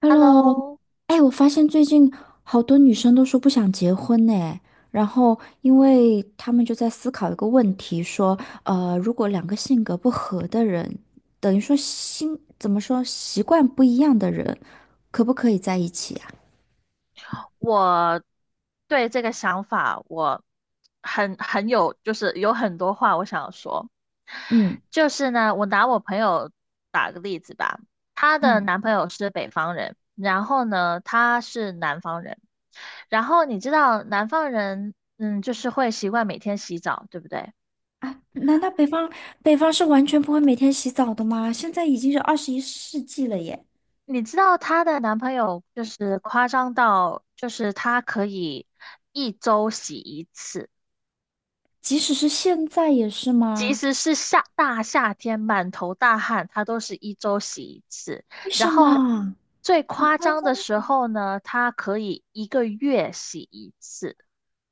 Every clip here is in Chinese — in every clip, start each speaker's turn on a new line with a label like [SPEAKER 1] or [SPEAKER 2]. [SPEAKER 1] Hello，
[SPEAKER 2] Hello，
[SPEAKER 1] 哎，我发现最近好多女生都说不想结婚呢，然后因为她们就在思考一个问题，说，如果两个性格不合的人，等于说怎么说，习惯不一样的人，可不可以在一起啊？
[SPEAKER 2] 我对这个想法我很有，就是有很多话我想说。
[SPEAKER 1] 嗯
[SPEAKER 2] 就是呢，我拿我朋友，她的
[SPEAKER 1] 嗯，
[SPEAKER 2] 男朋友是北方人，然后呢，她是南方人。然后你知道南方人，就是会习惯每天洗澡，对不对？
[SPEAKER 1] 啊，难道北方是完全不会每天洗澡的吗？现在已经是21世纪了耶，
[SPEAKER 2] 你知道她的男朋友就是夸张到，就是他可以一周洗一次。
[SPEAKER 1] 即使是现在也是
[SPEAKER 2] 即
[SPEAKER 1] 吗？
[SPEAKER 2] 使是夏天满头大汗，他都是一周洗一次。
[SPEAKER 1] 为
[SPEAKER 2] 然
[SPEAKER 1] 什
[SPEAKER 2] 后
[SPEAKER 1] 么？
[SPEAKER 2] 最
[SPEAKER 1] 好
[SPEAKER 2] 夸
[SPEAKER 1] 夸
[SPEAKER 2] 张
[SPEAKER 1] 张。
[SPEAKER 2] 的时候呢，他可以一个月洗一次，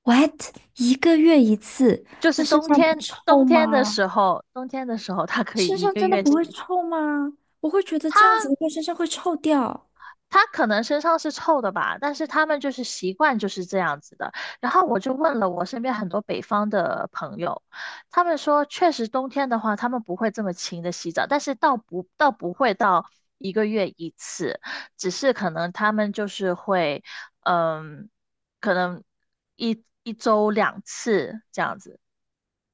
[SPEAKER 1] ？What？一个月一次，
[SPEAKER 2] 就是
[SPEAKER 1] 那身上不臭吗？
[SPEAKER 2] 冬天的时候他可以
[SPEAKER 1] 身
[SPEAKER 2] 一
[SPEAKER 1] 上
[SPEAKER 2] 个
[SPEAKER 1] 真的
[SPEAKER 2] 月
[SPEAKER 1] 不
[SPEAKER 2] 洗
[SPEAKER 1] 会
[SPEAKER 2] 一次。
[SPEAKER 1] 臭吗？我会觉得这样
[SPEAKER 2] 它
[SPEAKER 1] 子的话身上会臭掉。
[SPEAKER 2] 他可能身上是臭的吧，但是他们就是习惯就是这样子的。然后我就问了我身边很多北方的朋友，他们说确实冬天的话，他们不会这么勤的洗澡，但是倒不会到一个月一次，只是可能他们就是会，嗯，可能一周两次这样子。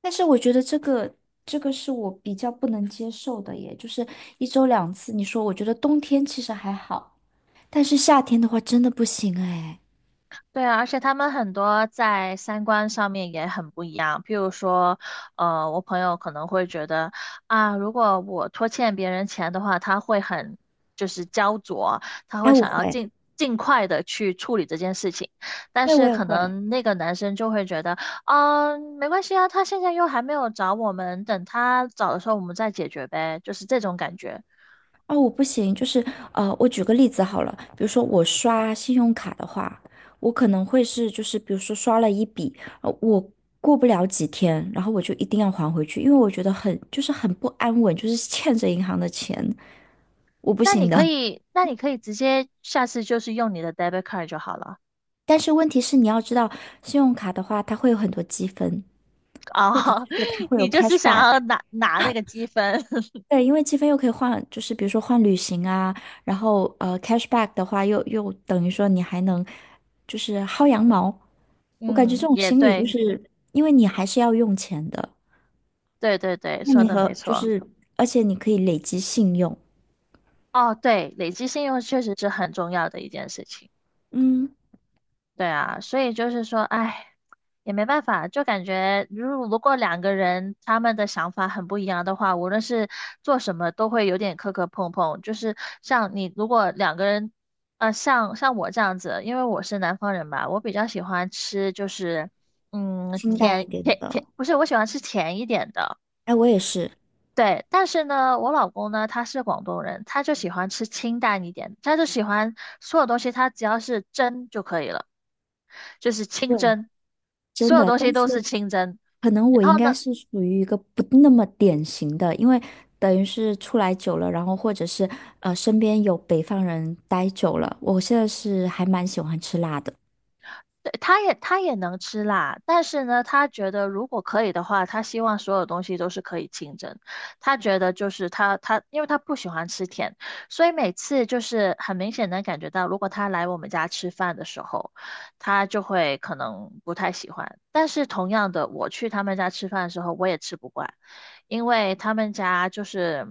[SPEAKER 1] 但是我觉得这个是我比较不能接受的耶，就是一周两次。你说，我觉得冬天其实还好，但是夏天的话真的不行哎。
[SPEAKER 2] 对啊，而且他们很多在三观上面也很不一样。譬如说，我朋友可能会觉得啊，如果我拖欠别人钱的话，他会就是焦灼，他
[SPEAKER 1] 哎，
[SPEAKER 2] 会
[SPEAKER 1] 我
[SPEAKER 2] 想要
[SPEAKER 1] 会，
[SPEAKER 2] 尽快的去处理这件事情。但
[SPEAKER 1] 对，我
[SPEAKER 2] 是
[SPEAKER 1] 也
[SPEAKER 2] 可
[SPEAKER 1] 会。
[SPEAKER 2] 能那个男生就会觉得，没关系啊，他现在又还没有找我们，等他找的时候我们再解决呗，就是这种感觉。
[SPEAKER 1] 哦，我不行，就是我举个例子好了，比如说我刷信用卡的话，我可能会是就是比如说刷了一笔，我过不了几天，然后我就一定要还回去，因为我觉得很就是很不安稳，就是欠着银行的钱，我不
[SPEAKER 2] 那你
[SPEAKER 1] 行的。
[SPEAKER 2] 可 以，那你可以直接下次就是用你的 debit card 就好了。
[SPEAKER 1] 但是问题是你要知道，信用卡的话，它会有很多积分，
[SPEAKER 2] 哦，
[SPEAKER 1] 或者是 说它会
[SPEAKER 2] 你
[SPEAKER 1] 有
[SPEAKER 2] 就是想
[SPEAKER 1] cashback。
[SPEAKER 2] 要拿那个积分，
[SPEAKER 1] 对，因为积分又可以换，就是比如说换旅行啊，然后cashback 的话又等于说你还能就是薅羊毛。我感觉
[SPEAKER 2] 嗯，
[SPEAKER 1] 这种
[SPEAKER 2] 也
[SPEAKER 1] 心理就
[SPEAKER 2] 对，
[SPEAKER 1] 是因为你还是要用钱的，
[SPEAKER 2] 对对对，
[SPEAKER 1] 那
[SPEAKER 2] 说
[SPEAKER 1] 你
[SPEAKER 2] 的没
[SPEAKER 1] 和就
[SPEAKER 2] 错。
[SPEAKER 1] 是，而且你可以累积信用，
[SPEAKER 2] 哦，对，累积信用确实是很重要的一件事情。
[SPEAKER 1] 嗯，
[SPEAKER 2] 对啊，所以就是说，哎，也没办法，就感觉如果两个人他们的想法很不一样的话，无论是做什么都会有点磕磕碰碰。就是像你，如果两个人，像我这样子，因为我是南方人吧，我比较喜欢吃就是，
[SPEAKER 1] 清淡一
[SPEAKER 2] 甜甜
[SPEAKER 1] 点
[SPEAKER 2] 甜，
[SPEAKER 1] 的。
[SPEAKER 2] 不是，我喜欢吃甜一点的。
[SPEAKER 1] 哎，我也是，
[SPEAKER 2] 对，但是呢，我老公呢，他是广东人，他就喜欢吃清淡一点，他就喜欢所有东西，他只要是蒸就可以了，就是清
[SPEAKER 1] 对，
[SPEAKER 2] 蒸，
[SPEAKER 1] 真
[SPEAKER 2] 所有
[SPEAKER 1] 的，
[SPEAKER 2] 东西
[SPEAKER 1] 但
[SPEAKER 2] 都
[SPEAKER 1] 是。
[SPEAKER 2] 是清蒸。
[SPEAKER 1] 可能我
[SPEAKER 2] 然
[SPEAKER 1] 应
[SPEAKER 2] 后呢，
[SPEAKER 1] 该是属于一个不那么典型的，因为等于是出来久了，然后或者是身边有北方人待久了，我现在是还蛮喜欢吃辣的，
[SPEAKER 2] 对，他也能吃辣，但是呢，他觉得如果可以的话，他希望所有东西都是可以清蒸。他觉得就是因为他不喜欢吃甜，所以每次就是很明显能感觉到，如果他来我们家吃饭的时候，他就会可能不太喜欢。但是同样的，我去他们家吃饭的时候，我也吃不惯，因为他们家就是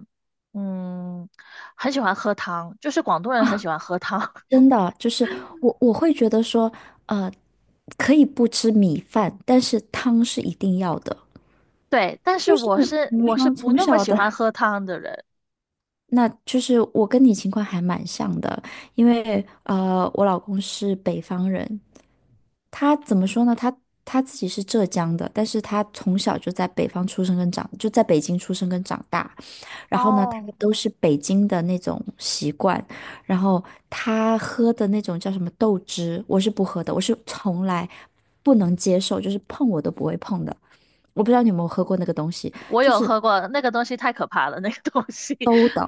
[SPEAKER 2] 嗯，很喜欢喝汤，就是广东人很喜欢喝汤。
[SPEAKER 1] 真的就是我会觉得说可以不吃米饭，但是汤是一定要的，
[SPEAKER 2] 对，但是
[SPEAKER 1] 就是
[SPEAKER 2] 我是
[SPEAKER 1] 怎么
[SPEAKER 2] 我是
[SPEAKER 1] 说
[SPEAKER 2] 不
[SPEAKER 1] 从
[SPEAKER 2] 那么
[SPEAKER 1] 小
[SPEAKER 2] 喜欢
[SPEAKER 1] 的。
[SPEAKER 2] 喝汤的人。
[SPEAKER 1] 那就是我跟你情况还蛮像的，因为我老公是北方人，他怎么说呢？他自己是浙江的，但是他从小就在北方出生跟长，就在北京出生跟长大。然后呢，他
[SPEAKER 2] 哦，
[SPEAKER 1] 都是北京的那种习惯。然后他喝的那种叫什么豆汁，我是不喝的，我是从来不能接受，就是碰我都不会碰的。我不知道你有没有喝过那个东西，
[SPEAKER 2] 我有喝过那个东西，太可怕了，那个东西，
[SPEAKER 1] 馊 的，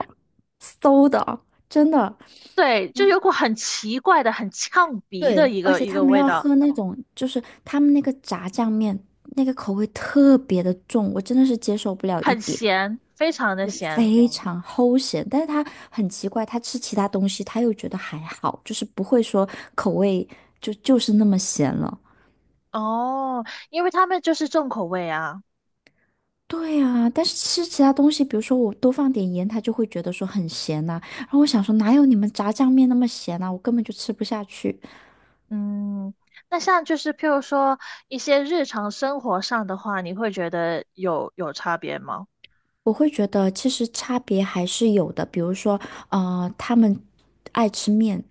[SPEAKER 1] 馊的，真的。
[SPEAKER 2] 对，就有股很奇怪的、很呛鼻的
[SPEAKER 1] 对，
[SPEAKER 2] 一
[SPEAKER 1] 而
[SPEAKER 2] 个
[SPEAKER 1] 且
[SPEAKER 2] 一
[SPEAKER 1] 他
[SPEAKER 2] 个
[SPEAKER 1] 们
[SPEAKER 2] 味
[SPEAKER 1] 要
[SPEAKER 2] 道，
[SPEAKER 1] 喝那种，就是他们那个炸酱面，那个口味特别的重，我真的是接受不了一
[SPEAKER 2] 很
[SPEAKER 1] 点，
[SPEAKER 2] 咸，非常的咸。
[SPEAKER 1] 非常齁咸。但是他很奇怪，他吃其他东西他又觉得还好，就是不会说口味就是那么咸了。
[SPEAKER 2] 哦，因为他们就是重口味啊。
[SPEAKER 1] 对啊，但是吃其他东西，比如说我多放点盐，他就会觉得说很咸呐、然后我想说，哪有你们炸酱面那么咸呐？我根本就吃不下去。
[SPEAKER 2] 嗯，那像就是譬如说一些日常生活上的话，你会觉得有差别吗？
[SPEAKER 1] 我会觉得其实差别还是有的，比如说，他们爱吃面，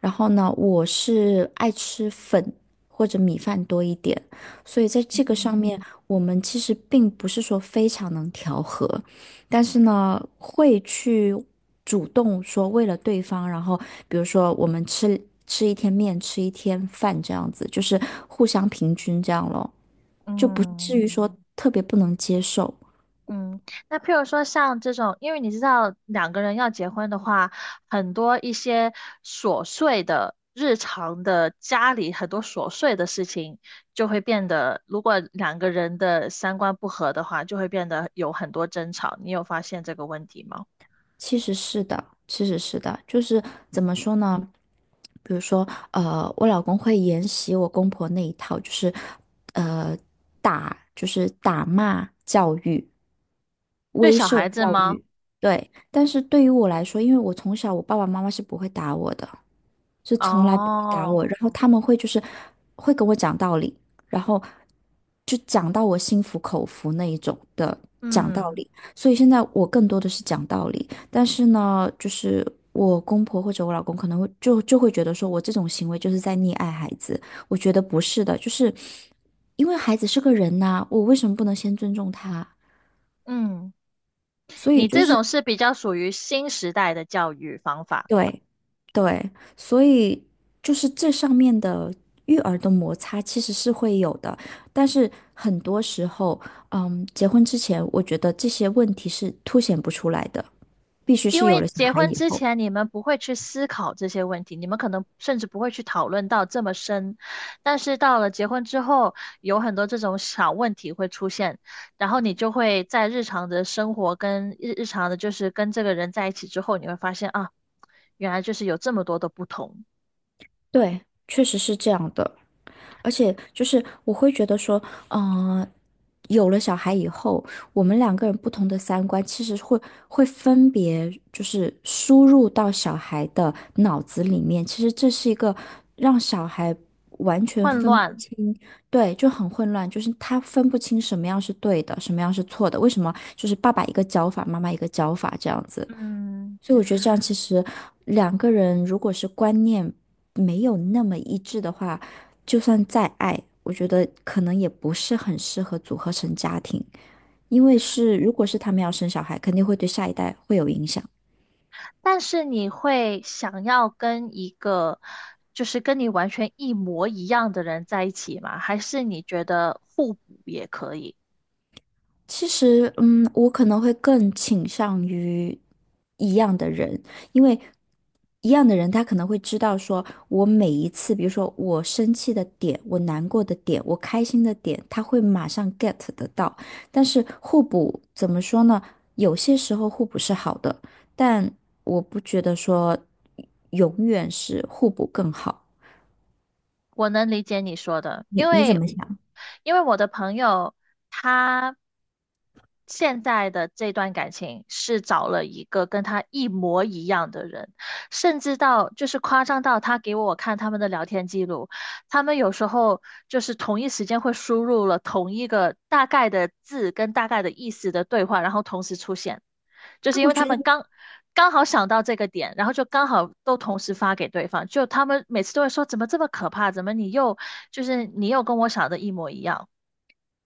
[SPEAKER 1] 然后呢，我是爱吃粉或者米饭多一点，所以在这个上
[SPEAKER 2] 嗯，
[SPEAKER 1] 面，我们其实并不是说非常能调和，但是呢，会去主动说为了对方，然后比如说我们吃一天面，吃一天饭这样子，就是互相平均这样咯，就不至于
[SPEAKER 2] 嗯。
[SPEAKER 1] 说特别不能接受。
[SPEAKER 2] 嗯，那譬如说像这种，因为你知道两个人要结婚的话，很多一些琐碎的日常的家里很多琐碎的事情，就会变得，如果两个人的三观不合的话，就会变得有很多争吵。你有发现这个问题吗？
[SPEAKER 1] 其实是的，其实是的，就是怎么说呢？比如说，我老公会沿袭我公婆那一套，就是，呃，打，就是打骂教育，
[SPEAKER 2] 对
[SPEAKER 1] 威
[SPEAKER 2] 小
[SPEAKER 1] 慑
[SPEAKER 2] 孩子
[SPEAKER 1] 教
[SPEAKER 2] 吗？
[SPEAKER 1] 育。对，但是对于我来说，因为我从小我爸爸妈妈是不会打我的，是从来不会打我，
[SPEAKER 2] 哦，
[SPEAKER 1] 然后他们会就是会跟我讲道理，然后就讲到我心服口服那一种的讲道
[SPEAKER 2] 嗯
[SPEAKER 1] 理，所以现在我更多的是讲道理，但是呢，就是我公婆或者我老公可能会就会觉得说我这种行为就是在溺爱孩子，我觉得不是的，就是因为孩子是个人呐、我为什么不能先尊重他？
[SPEAKER 2] 嗯，
[SPEAKER 1] 所以
[SPEAKER 2] 你
[SPEAKER 1] 就
[SPEAKER 2] 这
[SPEAKER 1] 是。
[SPEAKER 2] 种是比较属于新时代的教育方法。
[SPEAKER 1] 对，对，所以就是这上面的育儿的摩擦其实是会有的，但是很多时候，嗯，结婚之前，我觉得这些问题是凸显不出来的，必须
[SPEAKER 2] 因
[SPEAKER 1] 是有
[SPEAKER 2] 为
[SPEAKER 1] 了小
[SPEAKER 2] 结
[SPEAKER 1] 孩
[SPEAKER 2] 婚
[SPEAKER 1] 以
[SPEAKER 2] 之
[SPEAKER 1] 后。
[SPEAKER 2] 前，你们不会去思考这些问题，你们可能甚至不会去讨论到这么深。但是到了结婚之后，有很多这种小问题会出现，然后你就会在日常的生活跟日常的，就是跟这个人在一起之后，你会发现啊，原来就是有这么多的不同，
[SPEAKER 1] 对，确实是这样的。而且就是我会觉得说，嗯、有了小孩以后，我们两个人不同的三观其实会分别就是输入到小孩的脑子里面，其实这是一个让小孩完全
[SPEAKER 2] 混
[SPEAKER 1] 分不
[SPEAKER 2] 乱。
[SPEAKER 1] 清，对，就很混乱，就是他分不清什么样是对的，什么样是错的，为什么就是爸爸一个教法，妈妈一个教法这样子。
[SPEAKER 2] 嗯，
[SPEAKER 1] 所以我觉得这样其实两个人如果是观念没有那么一致的话，就算再爱，我觉得可能也不是很适合组合成家庭，因为是如果是他们要生小孩，肯定会对下一代会有影响。
[SPEAKER 2] 但是你会想要跟一个就是跟你完全一模一样的人在一起吗？还是你觉得互补也可以？
[SPEAKER 1] 其实，嗯，我可能会更倾向于一样的人，因为一样的人他可能会知道说，我每一次，比如说我生气的点，我难过的点，我开心的点，他会马上 get 得到。但是互补怎么说呢？有些时候互补是好的，但我不觉得说永远是互补更好。
[SPEAKER 2] 我能理解你说的，
[SPEAKER 1] 你
[SPEAKER 2] 因
[SPEAKER 1] 你怎
[SPEAKER 2] 为
[SPEAKER 1] 么想？
[SPEAKER 2] 我的朋友他现在的这段感情是找了一个跟他一模一样的人，甚至到就是夸张到他给我看他们的聊天记录，他们有时候就是同一时间会输入了同一个大概的字跟大概的意思的对话，然后同时出现。就
[SPEAKER 1] 啊，
[SPEAKER 2] 是因
[SPEAKER 1] 我
[SPEAKER 2] 为
[SPEAKER 1] 觉
[SPEAKER 2] 他
[SPEAKER 1] 得
[SPEAKER 2] 们刚刚好想到这个点，然后就刚好都同时发给对方，就他们每次都会说怎么这么可怕，怎么就是你又跟我想的一模一样。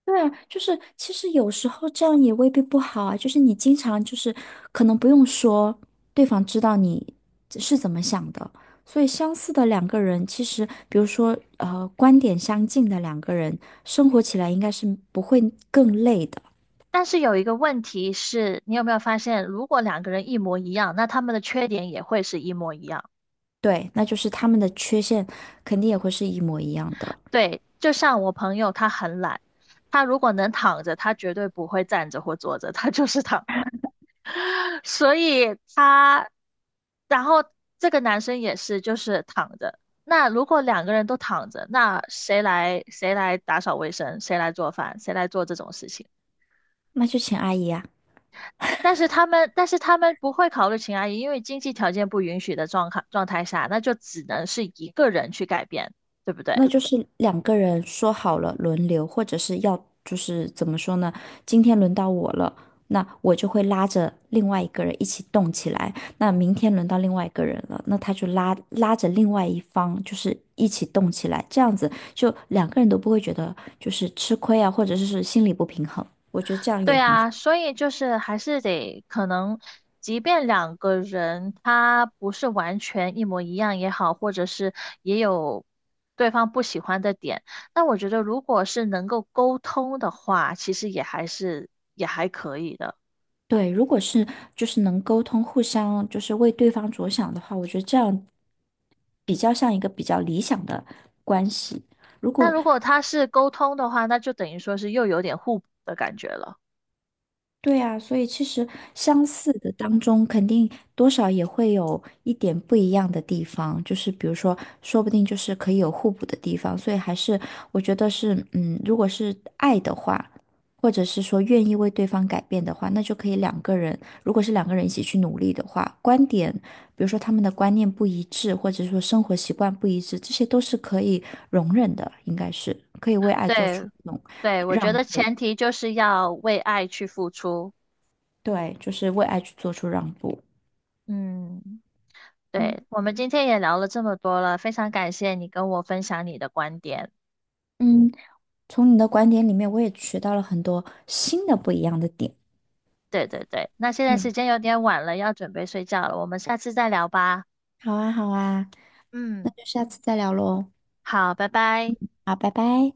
[SPEAKER 1] 对啊，就是其实有时候这样也未必不好啊。就是你经常就是可能不用说，对方知道你是怎么想的。所以相似的两个人，其实比如说观点相近的两个人，生活起来应该是不会更累的。
[SPEAKER 2] 但是有一个问题是，你有没有发现，如果两个人一模一样，那他们的缺点也会是一模一样。
[SPEAKER 1] 对，那就是他们的缺陷肯定也会是一模一样的。
[SPEAKER 2] 对，就像我朋友他很懒，他如果能躺着，他绝对不会站着或坐着，他就是躺所以他，然后这个男生也是，就是躺着。那如果两个人都躺着，那谁来打扫卫生，谁来做饭，谁来做这种事情？
[SPEAKER 1] 那就请阿姨啊。
[SPEAKER 2] 但是他们不会考虑秦阿姨，因为经济条件不允许的状态下，那就只能是一个人去改变，对不对？
[SPEAKER 1] 那就是两个人说好了轮流，或者是要就是怎么说呢？今天轮到我了，那我就会拉着另外一个人一起动起来。那明天轮到另外一个人了，那他就拉着另外一方，就是一起动起来。这样子就两个人都不会觉得就是吃亏啊，或者是心里不平衡。我觉得这样也
[SPEAKER 2] 对
[SPEAKER 1] 很好。
[SPEAKER 2] 啊，所以就是还是得可能，即便两个人他不是完全一模一样也好，或者是也有对方不喜欢的点，那我觉得如果是能够沟通的话，其实也还是，
[SPEAKER 1] 对，如果是就是能沟通，互相就是为对方着想的话，我觉得这样比较像一个比较理想的关系。如
[SPEAKER 2] 但
[SPEAKER 1] 果
[SPEAKER 2] 如果他是沟通的话，那就等于说是又有点互补的感觉了。
[SPEAKER 1] 对啊，所以其实相似的当中，肯定多少也会有一点不一样的地方，就是比如说，说不定就是可以有互补的地方，所以还是我觉得是，嗯，如果是爱的话，或者是说愿意为对方改变的话，那就可以两个人，如果是两个人一起去努力的话，观点，比如说他们的观念不一致，或者说生活习惯不一致，这些都是可以容忍的，应该是可以为爱做出
[SPEAKER 2] 对，
[SPEAKER 1] 那种
[SPEAKER 2] 对，我觉
[SPEAKER 1] 让
[SPEAKER 2] 得
[SPEAKER 1] 步，
[SPEAKER 2] 前提就是要为爱去付出。
[SPEAKER 1] 对，就是为爱去做出让步。
[SPEAKER 2] 嗯，
[SPEAKER 1] 嗯
[SPEAKER 2] 对，我们今天也聊了这么多了，非常感谢你跟我分享你的观点。
[SPEAKER 1] 嗯，从你的观点里面，我也学到了很多新的不一样的点。
[SPEAKER 2] 对对对，那现在时
[SPEAKER 1] 嗯，
[SPEAKER 2] 间有点晚了，要准备睡觉了，我们下次再聊吧。
[SPEAKER 1] 好啊，好啊，那
[SPEAKER 2] 嗯，
[SPEAKER 1] 就下次再聊喽。
[SPEAKER 2] 好，拜拜。
[SPEAKER 1] 好，拜拜。